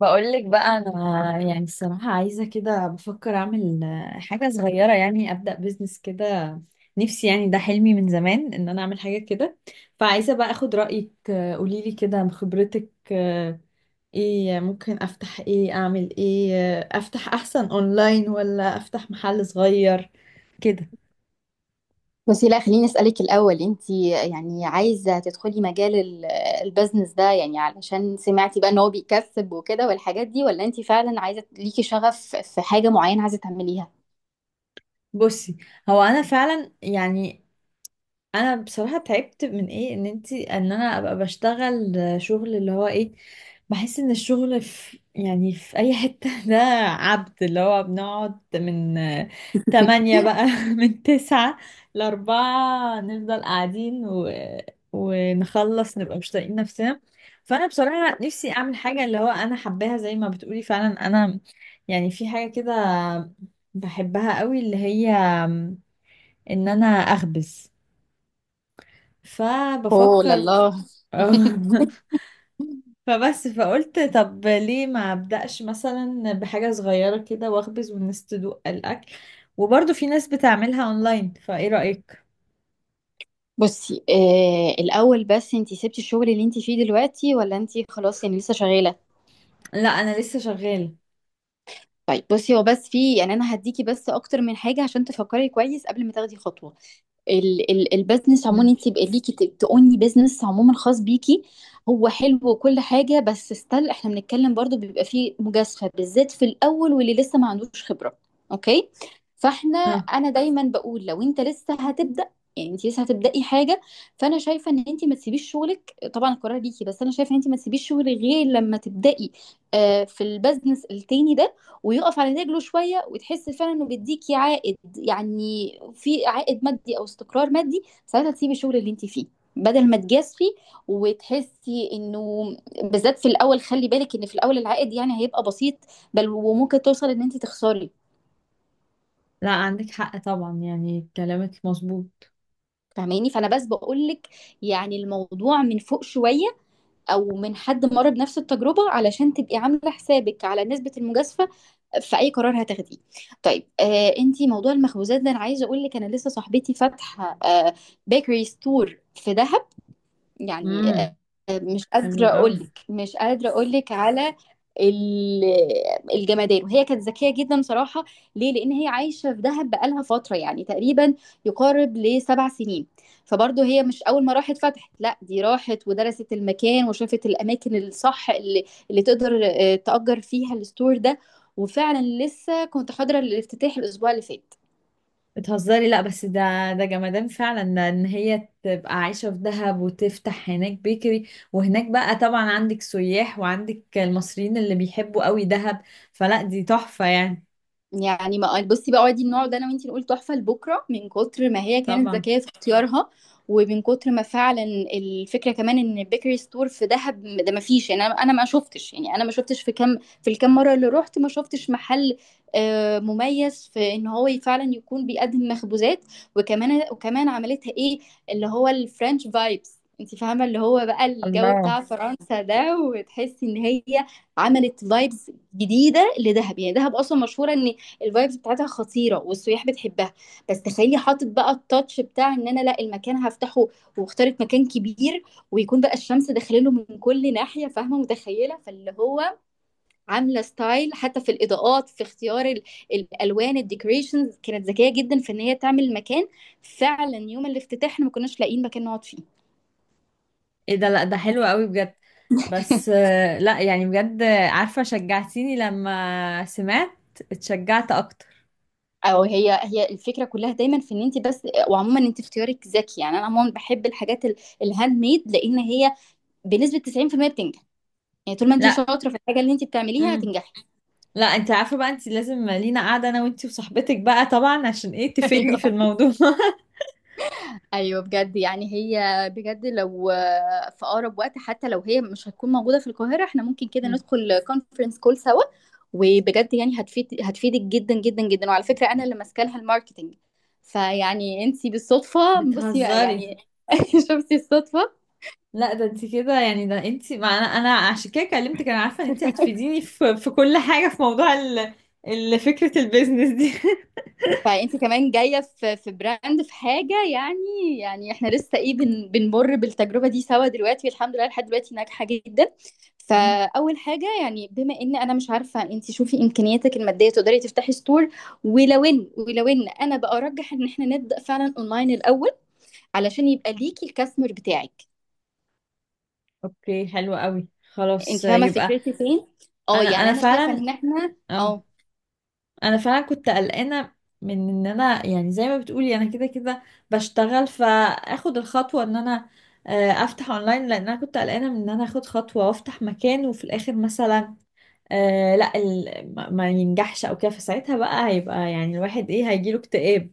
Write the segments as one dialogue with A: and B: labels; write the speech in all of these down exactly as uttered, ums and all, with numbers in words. A: بقولك بقى انا يعني الصراحه عايزه كده بفكر اعمل آه، حاجه صغيره، يعني ابدا بيزنس كده. نفسي يعني ده حلمي من زمان ان انا اعمل حاجه كده. فعايزه بقى اخد رايك، آه، قوليلي كده بخبرتك، آه، ايه ممكن افتح؟ ايه اعمل؟ ايه، آه، افتح احسن اونلاين ولا افتح محل صغير كده؟
B: بس لا خليني أسألك الأول، انت يعني عايزة تدخلي مجال ال- البزنس ده يعني علشان سمعتي بقى ان هو بيكسب وكده والحاجات دي، ولا انت فعلا عايزة ليكي شغف في حاجة معينة عايزة تعمليها؟
A: بصي، هو انا فعلا يعني انا بصراحه تعبت من ايه ان انتي ان انا ابقى بشتغل شغل اللي هو ايه. بحس ان الشغل في يعني في اي حته ده عبد اللي هو بنقعد من تمانية بقى من تسعة لأربعة، نفضل قاعدين و... ونخلص نبقى مش طايقين نفسنا. فانا بصراحه نفسي اعمل حاجه اللي هو انا حباها زي ما بتقولي. فعلا انا يعني في حاجه كده بحبها قوي، اللي هي ان انا اخبز.
B: اوه
A: فبفكر.
B: لله.
A: فبس فقلت طب ليه ما ابدأش مثلا بحاجة صغيرة كده واخبز والناس تدوق الأكل، وبرضه في ناس بتعملها اونلاين. فايه رأيك؟
B: بصي آه الاول، بس انت سبتي الشغل اللي انت فيه دلوقتي ولا انت خلاص يعني لسه شغالة؟
A: لا انا لسه شغالة.
B: طيب بصي، هو بس في يعني انا هديكي بس اكتر من حاجة عشان تفكري كويس قبل ما تاخدي خطوة. ال ال البزنس عموما، انت
A: ماشي.
B: يبقى ليكي ت- تقوني بزنس عموما خاص بيكي، هو حلو وكل حاجه، بس ستيل احنا بنتكلم برضو بيبقى فيه مجازفه، بالذات في الاول واللي لسه ما عندوش خبره. اوكي، فاحنا
A: اه.
B: انا دايما بقول لو انت لسه هتبدا، يعني انت لسه هتبداي حاجه، فانا شايفه ان انت ما تسيبيش شغلك. طبعا القرار ليكي، بس انا شايفه ان انت ما تسيبيش شغلك غير لما تبداي آه، في البزنس التاني ده، ويقف على رجله شويه، وتحس فعلا انه بيديكي عائد، يعني في عائد مادي او استقرار مادي، ساعتها تسيبي الشغل اللي انت فيه، بدل ما تجازفي وتحسي انه، بالذات في الاول، خلي بالك ان في الاول العائد يعني هيبقى بسيط، بل وممكن توصل ان انت تخسري.
A: لا عندك حق طبعا، يعني كلامك مظبوط.
B: فاهماني؟ فانا بس بقول لك يعني الموضوع من فوق شويه، او من حد مر بنفس التجربه، علشان تبقي عامله حسابك على نسبه المجازفه في اي قرار هتاخديه. طيب آه، انتي موضوع المخبوزات ده، انا عايزه اقول لك، انا لسه صاحبتي فاتحه آه بيكري ستور في دهب، يعني آه،
A: امم.
B: مش
A: حلو
B: قادرة
A: قوي.
B: أقولك، مش قادرة أقولك على ال- الجمدان. وهي كانت ذكية جدا صراحة. ليه؟ لأن هي عايشة في دهب بقالها فترة، يعني تقريبا يقارب لسبع سنين. فبرضه هي مش أول ما راحت فتحت، لا، دي راحت ودرست المكان، وشافت الأماكن الصح اللي, اللي تقدر آه، تأجر فيها الستور ده. وفعلا لسه كنت حاضرة الافتتاح الأسبوع اللي فات.
A: بتهزري؟ لا بس ده، ده جمدان فعلا ان هي تبقى عايشة في دهب وتفتح هناك بيكري، وهناك بقى طبعا عندك سياح وعندك المصريين اللي بيحبوا قوي دهب. فلا دي تحفة يعني.
B: يعني ما بصي بقى، دي النوع ده انا وانتي نقول تحفه لبكره، من كتر ما هي كانت
A: طبعا.
B: ذكيه في اختيارها، ومن كتر ما فعلا الفكره كمان ان البيكري ستور في دهب ده ما فيش. يعني انا انا ما شفتش، يعني انا ما شفتش في كم، في الكام مره اللي رحت، ما شفتش محل آه، مميز في ان هو فعلا يكون بيقدم مخبوزات. وكمان وكمان عملتها ايه، اللي هو الفرنش فايبس. انت فاهمه، اللي هو بقى الجو
A: الله.
B: بتاع فرنسا ده، وتحسي ان هي عملت فايبس جديده لدهب. يعني دهب اصلا مشهوره ان الفايبس بتاعتها خطيره والسياح بتحبها، بس تخيلي حاطط بقى التاتش بتاع ان انا لا، المكان هفتحه واختارت مكان كبير، ويكون بقى الشمس داخله من كل ناحيه. فاهمه؟ متخيله؟ فاللي هو عامله ستايل حتى في الاضاءات، في اختيار ال- الالوان، الديكوريشنز. كانت ذكيه جدا في ان هي تعمل مكان فعلا يوم الافتتاح احنا ما كناش لاقيين مكان نقعد فيه.
A: ايه ده؟ لا ده حلو قوي بجد. بس، آه، لا يعني بجد، آه، عارفة شجعتيني لما سمعت. اتشجعت اكتر.
B: او هي هي الفكره كلها دايما في ان انت بس، وعموما انت في اختيارك ذكي. يعني انا عموما بحب الحاجات ال- الهاند ميد، لان هي بنسبه تسعين في المية بتنجح. يعني طول ما انت
A: لا.
B: شاطره في الحاجه اللي انت بتعمليها
A: امم.
B: هتنجحي.
A: لا انت عارفة بقى انت لازم لينا قاعدة انا وانت وصاحبتك بقى، طبعا عشان ايه تفيدني
B: ايوه،
A: في الموضوع.
B: ايوه بجد. يعني هي بجد لو آه، في اقرب وقت، حتى لو هي مش هتكون موجوده في القاهره، احنا ممكن كده ندخل كونفرنس كول سوا. وبجد يعني هتفيد هتفيدك جدا جدا جدا. وعلى فكره انا اللي ماسكه لها الماركتنج. فيعني انت بالصدفه، بصي بقى
A: بتهزري؟
B: يعني شفتي الصدفه؟
A: لا ده انت كده يعني ده انت، ما انا انا عشان كده كلمتك. انا عارفه ان انت هتفيديني في في كل حاجه في موضوع ال ال- فكره البيزنس دي.
B: فانت كمان جايه في في براند، في حاجه يعني، يعني احنا لسه ايه، بن بنمر بالتجربه دي سوا دلوقتي، الحمد لله لحد دلوقتي ناجحه جدا.
A: مم.
B: فاول حاجه يعني بما ان انا مش عارفه، انت شوفي امكانياتك الماديه تقدري تفتحي ستور، ولو ان، ولو ان انا بقى ارجح ان احنا نبدا فعلا اونلاين الاول، علشان يبقى ليكي الكاستمر بتاعك.
A: اوكي حلو قوي. خلاص
B: انت فاهمه
A: يبقى.
B: فكرتي فين؟ اه
A: انا
B: يعني
A: انا
B: انا شايفه
A: فعلا
B: ان احنا
A: اه.
B: اه،
A: انا فعلا كنت قلقانه من ان انا يعني زي ما بتقولي انا كده كده بشتغل، فاخد الخطوه ان انا آه، افتح اونلاين، لان انا كنت قلقانه من ان انا اخد خطوه وافتح مكان وفي الاخر مثلا آه لا ال... ما ما ينجحش او كده، فساعتها بقى هيبقى يعني الواحد ايه هيجيله اكتئاب.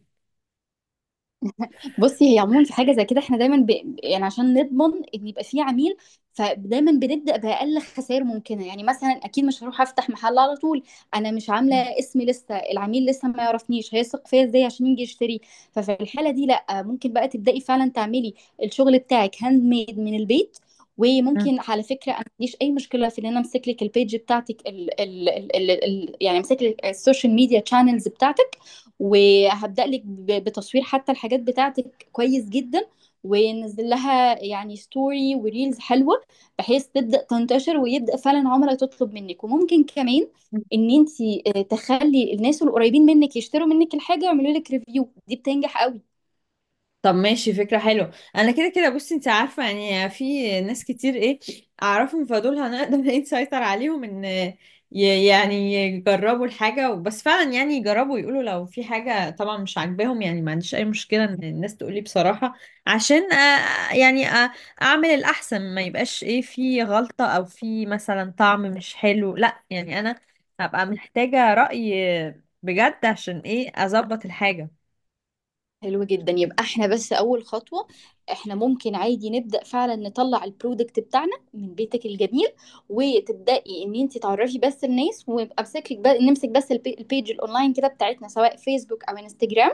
B: بصي هي عموما في حاجه زي كده احنا دايما ب... يعني عشان نضمن ان يبقى في عميل، فدايما بنبدا باقل خسائر ممكنه. يعني مثلا اكيد مش هروح افتح محل على طول، انا مش عامله اسمي لسه، العميل لسه ما يعرفنيش، هيثق فيا ازاي عشان يجي يشتري؟ ففي الحاله دي لا، ممكن بقى تبداي فعلا تعملي الشغل بتاعك هاند ميد من البيت. وممكن على فكره انا ما عنديش اي مشكله في ان انا امسك لك البيج بتاعتك ال... ال... ال... ال... ال- يعني امسك لك السوشيال ميديا تشانلز بتاعتك، وهبدأ لك ب- بتصوير حتى الحاجات بتاعتك كويس جدا، وننزل لها يعني ستوري وريلز حلوة، بحيث تبدأ تنتشر ويبدأ فعلا عملاء تطلب منك. وممكن كمان ان انت تخلي الناس القريبين منك يشتروا منك الحاجة ويعملوا لك ريفيو، دي بتنجح قوي.
A: طب ماشي، فكرة حلوة. انا كده كده بصي انت عارفة يعني في ناس كتير ايه اعرفهم، فدول هنقدر ايه نسيطر عليهم ان ي- يعني يجربوا الحاجة بس فعلا، يعني يجربوا يقولوا لو في حاجة طبعا مش عاجباهم. يعني ما عنديش اي مشكلة ان الناس تقولي بصراحة، عشان آه، يعني آه، اعمل الاحسن، ما يبقاش ايه في غلطة او في مثلا طعم مش حلو. لا يعني انا هبقى محتاجة رأي بجد عشان ايه اظبط الحاجة.
B: حلو جدا، يبقى احنا بس اول خطوة، احنا ممكن عادي نبدأ فعلا نطلع البرودكت بتاعنا من بيتك الجميل، وتبدأي ان انت تعرفي بس الناس، ويبقى امسكك بس، نمسك بس البي- البيج الاونلاين كده بتاعتنا، سواء فيسبوك او انستجرام.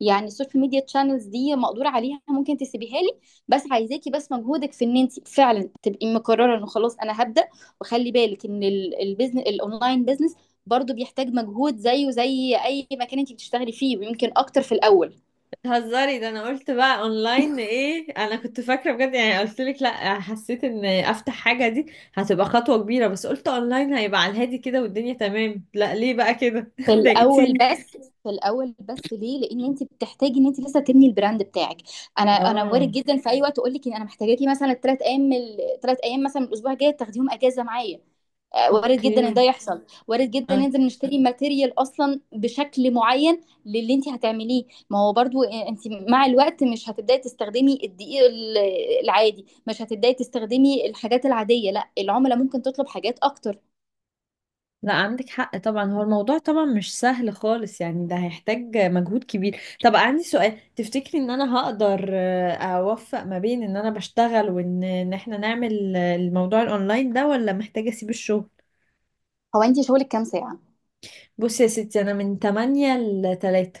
B: يعني السوشيال ميديا تشانلز دي مقدور عليها، ممكن تسيبيها لي. بس عايزاكي بس مجهودك في ان انت فعلا تبقي مقررة انه خلاص انا هبدأ. وخلي بالك ان البيزنس الاونلاين بيزنس برضو بيحتاج مجهود زيه زي اي مكان انت بتشتغلي فيه، ويمكن اكتر في الاول.
A: هزاري ده! انا قلت بقى اونلاين ايه، انا كنت فاكره بجد يعني، قلت لك لا حسيت ان افتح حاجه دي هتبقى خطوه كبيره، بس قلت اونلاين هيبقى على الهادي كده والدنيا تمام. لا ليه بقى كده؟
B: في الاول
A: ضايقتيني.
B: بس في الاول بس ليه؟ لان انت بتحتاجي ان انت لسه تبني البراند بتاعك. انا انا وارد
A: اه.
B: جدا في اي وقت اقول لك ان انا محتاجاكي مثلا الثلاث ايام، الثلاث ايام مثلا من الاسبوع الجاي تاخديهم اجازه معايا. آه، وارد جدا ان
A: اوكي.
B: ده يحصل. وارد جدا
A: اه
B: ننزل نشتري ماتيريال اصلا بشكل معين للي انت هتعمليه. ما هو برضو آه، انت مع الوقت مش هتبداي تستخدمي الدقيق ال- العادي، مش هتبداي تستخدمي الحاجات العاديه، لا، العملاء ممكن تطلب حاجات اكتر.
A: لا عندك حق طبعا، هو الموضوع طبعا مش سهل خالص، يعني ده هيحتاج مجهود كبير. طب عندي سؤال، تفتكري ان انا هقدر آه، اوفق ما بين ان انا بشتغل وان ان احنا نعمل آه، الموضوع الاونلاين ده، ولا محتاجه اسيب الشغل؟
B: هو انت شغلك كام ساعه؟
A: بصي يا ستي انا من تمانية ل تلاتة.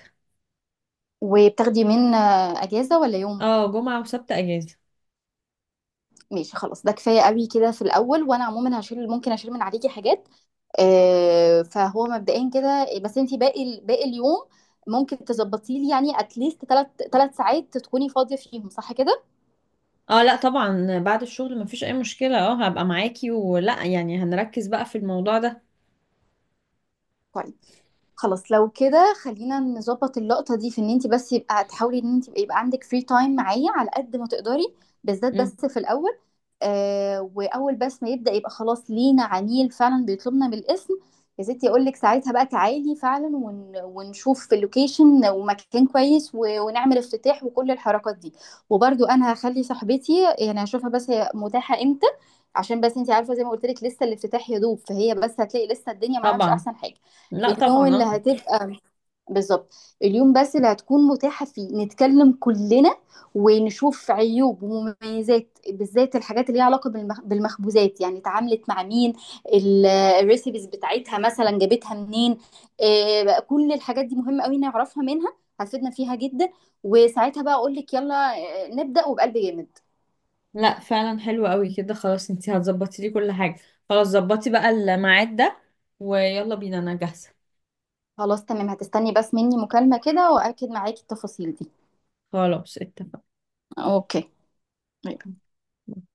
B: وبتاخدي من آه، اجازه ولا يوم؟
A: اه جمعة وسبت اجازة.
B: ماشي خلاص، ده كفايه قوي كده في الاول. وانا عموما هشيل، ممكن اشيل من عليكي حاجات آه، فهو مبدئيا كده إيه، بس انت باقي ال- باقي اليوم ممكن تظبطي لي يعني اتليست ثلاث ثلاث ساعات تكوني فاضيه فيهم، صح كده؟
A: اه لا طبعا بعد الشغل مفيش اي مشكلة، اه هبقى معاكي ولا يعني هنركز بقى في الموضوع ده.
B: خلاص لو كده خلينا نظبط اللقطة دي، في ان انت بس يبقى تحاولي ان انت يبقى عندك فري تايم معايا على قد ما تقدري، بالذات بس
A: مم.
B: في الاول. آه، واول بس ما يبدأ يبقى خلاص لينا عميل فعلا بيطلبنا بالاسم، يا ستي اقول لك ساعتها بقى تعالي فعلا، ون ونشوف في اللوكيشن ومكان كويس، و- ونعمل افتتاح وكل الحركات دي. وبرضو انا هخلي صاحبتي يعني هشوفها بس هي متاحة امتى، عشان بس انت عارفة زي ما قلت لك لسه الافتتاح يا دوب، فهي بس هتلاقي لسه الدنيا معاها مش
A: طبعا.
B: احسن حاجة.
A: لا
B: اليوم
A: طبعا
B: اللي
A: اه.
B: هتبقى بالظبط، اليوم بس اللي هتكون متاحة فيه نتكلم كلنا ونشوف عيوب ومميزات، بالذات الحاجات اللي ليها علاقة بالمخ- بالمخبوزات، يعني اتعاملت مع مين، ال- الريسيبيز بتاعتها مثلا جابتها منين. آه، بقى كل الحاجات دي مهمة قوي نعرفها منها، هتفيدنا فيها جدا. وساعتها بقى اقول لك يلا آه، نبدأ وبقلب جامد.
A: لا فعلا حلو قوي كده، خلاص انتي هتظبطي لي كل حاجة. خلاص ظبطي بقى الميعاد ده، ويلا بينا انا جاهزة.
B: خلاص تمام، هتستني بس مني مكالمة كده وأكد معاكي التفاصيل دي.
A: خلاص اتفقنا.
B: اوكي.